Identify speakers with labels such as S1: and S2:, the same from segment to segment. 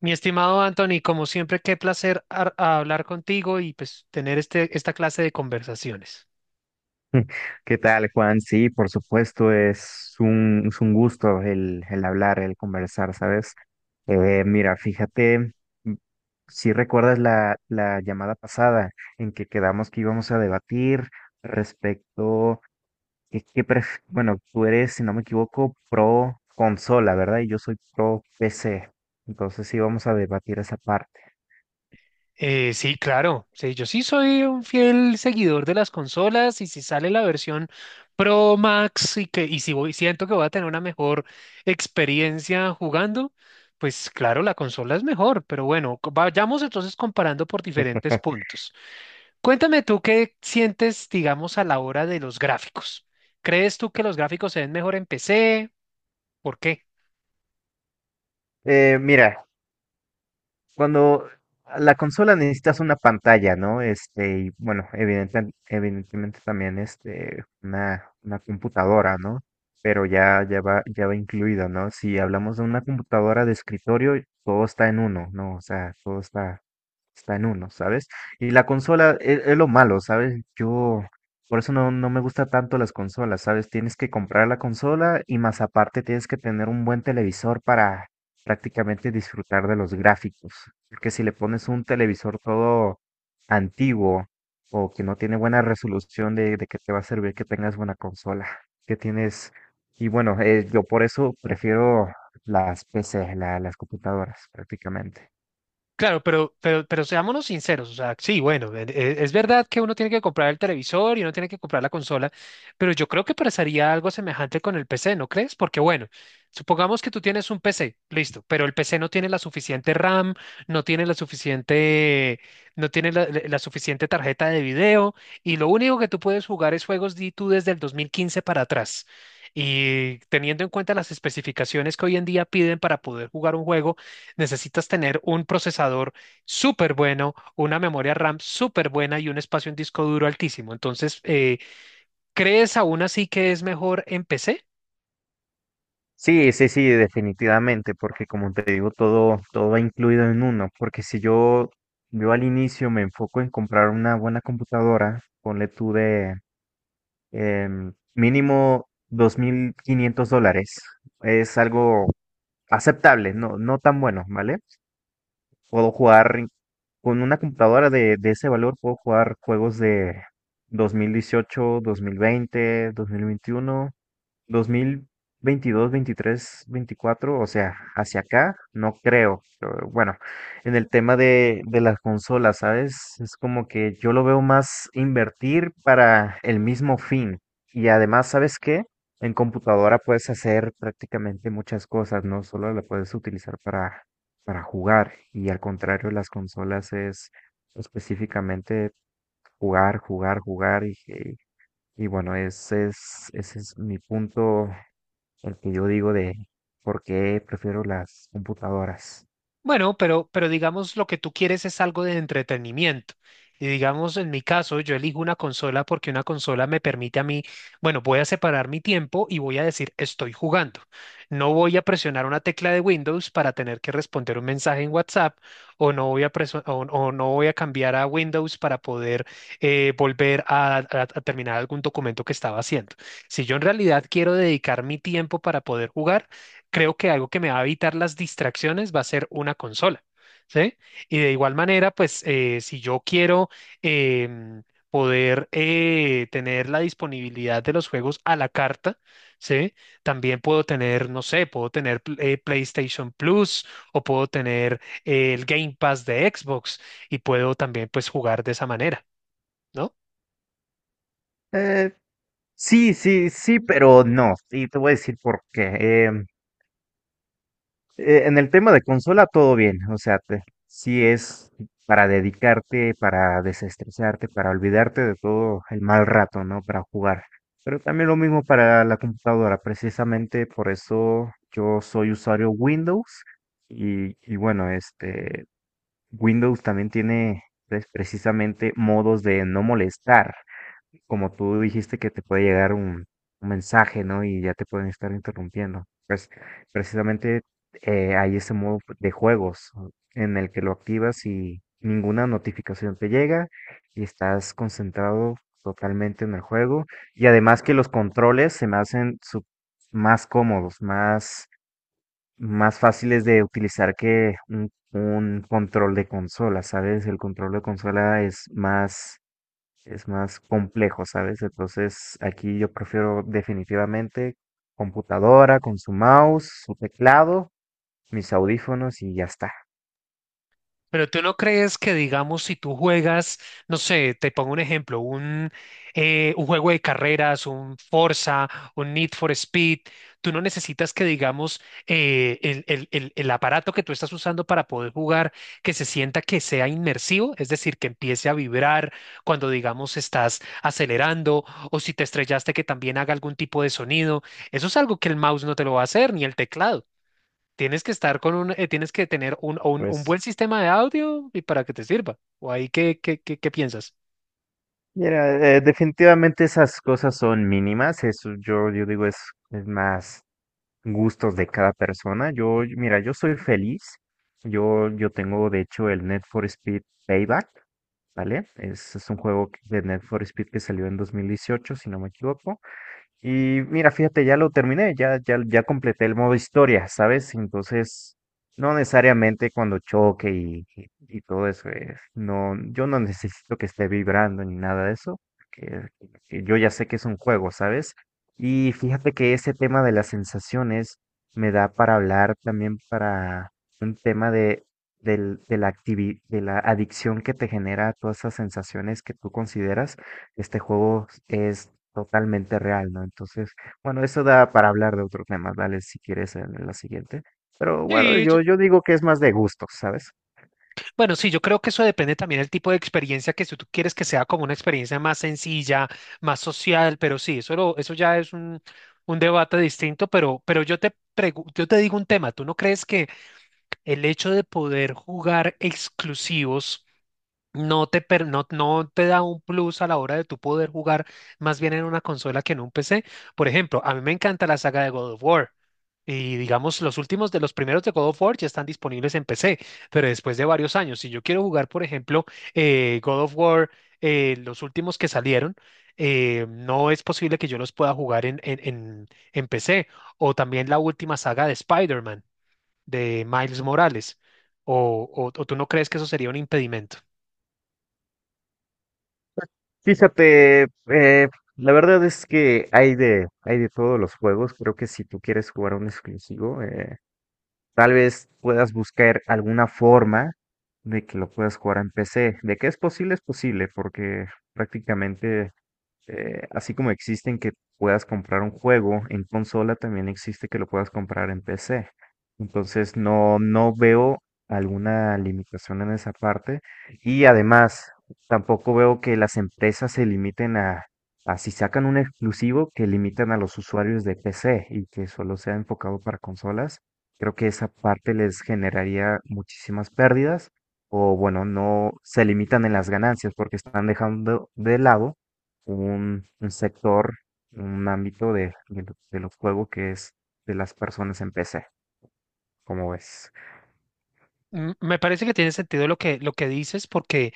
S1: Mi estimado Anthony, como siempre, qué placer hablar contigo y pues tener esta clase de conversaciones.
S2: ¿Qué tal, Juan? Sí, por supuesto, es un gusto el hablar, el conversar, ¿sabes? Mira, fíjate, m- si recuerdas la llamada pasada en que quedamos que íbamos a debatir respecto bueno, tú eres, si no me equivoco, pro consola, ¿verdad? Y yo soy pro PC. Entonces sí vamos a debatir esa parte.
S1: Sí, claro, sí, yo sí soy un fiel seguidor de las consolas y si sale la versión Pro Max y si voy, siento que voy a tener una mejor experiencia jugando, pues claro, la consola es mejor, pero bueno, vayamos entonces comparando por diferentes puntos. Cuéntame tú qué sientes, digamos, a la hora de los gráficos. ¿Crees tú que los gráficos se ven mejor en PC? ¿Por qué?
S2: Mira, cuando a la consola necesitas una pantalla, ¿no? Este, y bueno, evidentemente también este, una computadora, ¿no? Pero ya va incluido, ¿no? Si hablamos de una computadora de escritorio, todo está en uno, ¿no? O sea, todo está en uno, ¿sabes? Y la consola es lo malo, ¿sabes? Yo, por eso no me gusta tanto las consolas, ¿sabes? Tienes que comprar la consola y más aparte tienes que tener un buen televisor para prácticamente disfrutar de los gráficos. Porque si le pones un televisor todo antiguo o que no tiene buena resolución, de que te va a servir que tengas buena consola, que tienes... Y bueno, yo por eso prefiero las PC, las computadoras prácticamente.
S1: Claro, pero seámonos sinceros, o sea, sí, bueno, es verdad que uno tiene que comprar el televisor y uno tiene que comprar la consola, pero yo creo que pasaría algo semejante con el PC, ¿no crees? Porque bueno, supongamos que tú tienes un PC, listo, pero el PC no tiene la suficiente RAM, no tiene la suficiente, no tiene la suficiente tarjeta de video y lo único que tú puedes jugar es juegos de tú desde el 2015 para atrás. Y teniendo en cuenta las especificaciones que hoy en día piden para poder jugar un juego, necesitas tener un procesador súper bueno, una memoria RAM súper buena y un espacio en disco duro altísimo. Entonces, ¿crees aún así que es mejor en PC?
S2: Sí, sí, sí, definitivamente, porque como te digo, todo va incluido en uno, porque si yo al inicio me enfoco en comprar una buena computadora, ponle tú de mínimo $2500. Es algo aceptable, no tan bueno, ¿vale? Puedo jugar con una computadora de ese valor, puedo jugar juegos de dos mil dieciocho, 2020, 2021, 2022, 23, 24, o sea, hacia acá, no creo. Pero bueno, en el tema de las consolas, ¿sabes? Es como que yo lo veo más invertir para el mismo fin. Y además, ¿sabes qué? En computadora puedes hacer prácticamente muchas cosas, no solo la puedes utilizar para jugar. Y al contrario, las consolas es específicamente jugar, jugar, jugar y bueno, ese es mi punto el que yo digo de por qué prefiero las computadoras.
S1: Bueno, pero digamos lo que tú quieres es algo de entretenimiento. Y digamos, en mi caso, yo elijo una consola porque una consola me permite a mí, bueno, voy a separar mi tiempo y voy a decir, estoy jugando. No voy a presionar una tecla de Windows para tener que responder un mensaje en WhatsApp o no voy a, preso- o no voy a cambiar a Windows para poder volver a terminar algún documento que estaba haciendo. Si yo en realidad quiero dedicar mi tiempo para poder jugar, creo que algo que me va a evitar las distracciones va a ser una consola, ¿sí? Y de igual manera, pues si yo quiero em, poder tener la disponibilidad de los juegos a la carta, ¿sí? También puedo tener, no sé, puedo tener PlayStation Plus o puedo tener el Game Pass de Xbox y puedo también pues jugar de esa manera. ¿No?
S2: Eh, Sí, sí, sí, pero no. Y te voy a decir por qué. En el tema de consola, todo bien. O sea, sí es para dedicarte, para desestresarte, para olvidarte de todo el mal rato, ¿no? Para jugar. Pero también lo mismo para la computadora. Precisamente por eso yo soy usuario Windows. Y bueno, este, Windows también tiene, pues, precisamente modos de no molestar. Como tú dijiste que te puede llegar un mensaje, ¿no? Y ya te pueden estar interrumpiendo. Pues precisamente hay ese modo de juegos en el que lo activas y ninguna notificación te llega y estás concentrado totalmente en el juego. Y además que los controles se me hacen más cómodos, más fáciles de utilizar que un control de consola, ¿sabes? El control de consola es más complejo, ¿sabes? Entonces aquí yo prefiero definitivamente computadora con su mouse, su teclado, mis audífonos y ya está.
S1: Pero tú no crees que, digamos, si tú juegas, no sé, te pongo un ejemplo, un juego de carreras, un Forza, un Need for Speed, tú no necesitas que, digamos, el aparato que tú estás usando para poder jugar, que se sienta que sea inmersivo, es decir, que empiece a vibrar cuando, digamos, estás acelerando o si te estrellaste, que también haga algún tipo de sonido. Eso es algo que el mouse no te lo va a hacer, ni el teclado. Tienes que estar con tienes que tener un
S2: Pues,
S1: buen sistema de audio y para que te sirva. ¿O ahí qué piensas?
S2: mira, definitivamente esas cosas son mínimas, eso yo digo es, más gustos de cada persona. Yo, mira, yo soy feliz. Yo tengo, de hecho, el Need for Speed Payback, ¿vale? Es un juego de Need for Speed que salió en 2018, si no me equivoco. Y mira, fíjate, ya lo terminé, ya completé el modo historia, ¿sabes? Entonces, no necesariamente cuando choque y todo eso, no, yo no necesito que esté vibrando ni nada de eso, porque que yo ya sé que es un juego, ¿sabes? Y fíjate que ese tema de las sensaciones me da para hablar también para un tema de la de la adicción que te genera todas esas sensaciones que tú consideras este juego es totalmente real, ¿no? Entonces, bueno, eso da para hablar de otro tema, dale si quieres en la siguiente. Pero bueno,
S1: Sí,
S2: yo digo que es más de gustos, ¿sabes?
S1: bueno, sí, yo creo que eso depende también del tipo de experiencia que si tú quieres que sea como una experiencia más sencilla, más social, pero sí, eso, eso ya es un debate distinto, pero yo te digo un tema. ¿Tú no crees que el hecho de poder jugar exclusivos no te da un plus a la hora de tu poder jugar más bien en una consola que en un PC? Por ejemplo, a mí me encanta la saga de God of War. Y digamos, los últimos de los primeros de God of War ya están disponibles en PC, pero después de varios años, si yo quiero jugar, por ejemplo, God of War, los últimos que salieron, no es posible que yo los pueda jugar en PC. O también la última saga de Spider-Man, de Miles Morales. ¿O tú no crees que eso sería un impedimento?
S2: Fíjate, eh, la verdad es que hay de todos los juegos. Creo que si tú quieres jugar un exclusivo, tal vez puedas buscar alguna forma de que lo puedas jugar en PC. De que es posible, porque prácticamente sí. Así como existen que puedas comprar un juego en consola, también existe que lo puedas comprar en PC. Entonces no veo alguna limitación en esa parte. Y además, tampoco veo que las empresas se limiten a si sacan un exclusivo, que limitan a los usuarios de PC y que solo sea enfocado para consolas. Creo que esa parte les generaría muchísimas pérdidas, o bueno, no se limitan en las ganancias porque están dejando de lado un sector, un ámbito de los juegos, que es de las personas en PC, como ves.
S1: Me parece que tiene sentido lo que dices, porque,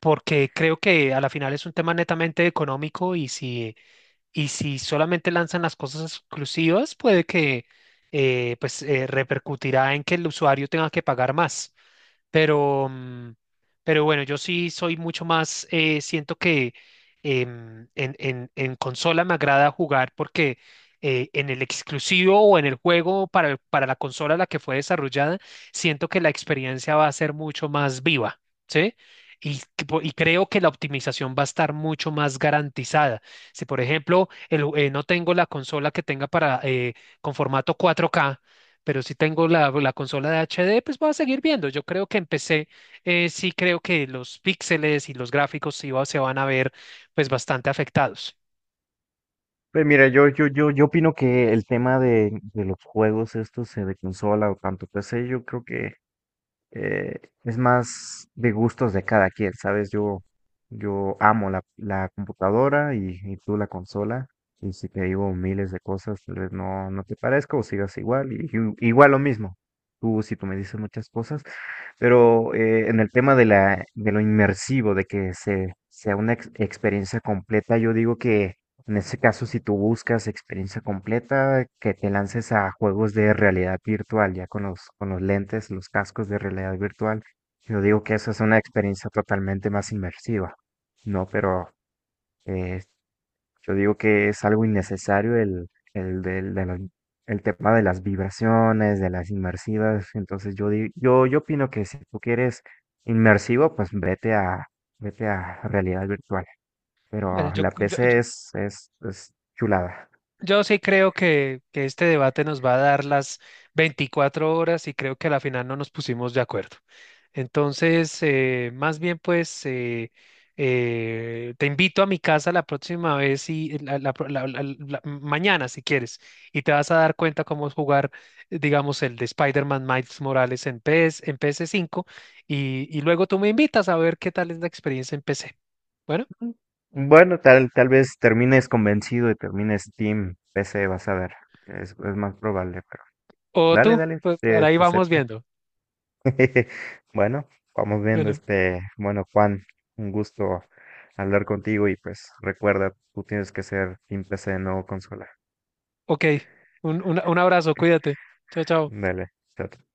S1: porque creo que a la final es un tema netamente económico si solamente lanzan las cosas exclusivas, puede que pues, repercutirá en que el usuario tenga que pagar más. Pero, mm, pero bueno, yo sí soy mucho más, siento que en consola me agrada jugar porque en el exclusivo o en el juego para, para la consola a la que fue desarrollada, siento que la experiencia va a ser mucho más viva, ¿sí? Y creo que la optimización va a estar mucho más garantizada. Si, por ejemplo, el no tengo la consola que tenga para con formato 4K, pero si tengo la consola de HD, pues voy a seguir viendo. Yo creo que empecé, Sí creo que los píxeles y los gráficos se van a ver pues bastante afectados.
S2: Pues mira, yo opino que el tema de los juegos estos, de consola o tanto PC, yo creo que es más de gustos de cada quien, ¿sabes? Yo amo la computadora y tú la consola. Y si te digo miles de cosas, tal vez no te parezca o sigas igual. Igual lo mismo. Si tú me dices muchas cosas, pero en el tema de la, de lo inmersivo, de que sea una experiencia completa, yo digo que en ese caso, si tú buscas experiencia completa, que te lances a juegos de realidad virtual, ya con los, lentes, los cascos de realidad virtual, yo digo que esa es una experiencia totalmente más inmersiva, ¿no? Pero eh, yo digo que es algo innecesario el, del- de las- el tema de las vibraciones, de las inmersivas. Entonces yo opino que si tú quieres inmersivo, pues vete a realidad virtual.
S1: Bueno,
S2: Pero
S1: yo,
S2: la
S1: yo, yo-
S2: PC es chulada.
S1: yo sí creo que este debate nos va a dar las 24 horas y creo que a la final no nos pusimos de acuerdo. Entonces, más bien pues te invito a mi casa la próxima vez y la- la pro- la- la- la- mañana si quieres, y te vas a dar cuenta cómo es jugar, digamos, el de Spider-Man Miles Morales en en PS5, y luego tú me invitas a ver qué tal es la experiencia en PC. Bueno,
S2: Mm. Bueno, tal vez termines convencido y termines Team PC, vas a ver. Es más probable, pero
S1: o
S2: dale,
S1: tú,
S2: dale,
S1: pues, por
S2: te
S1: ahí vamos
S2: acepto.
S1: viendo.
S2: Bueno, vamos viendo,
S1: Bueno,
S2: este, bueno, Juan, un gusto hablar contigo y pues recuerda, tú tienes que ser Team PC, no consola.
S1: ok, un, un abrazo, cuídate. Chao, chao.
S2: Dale, chao.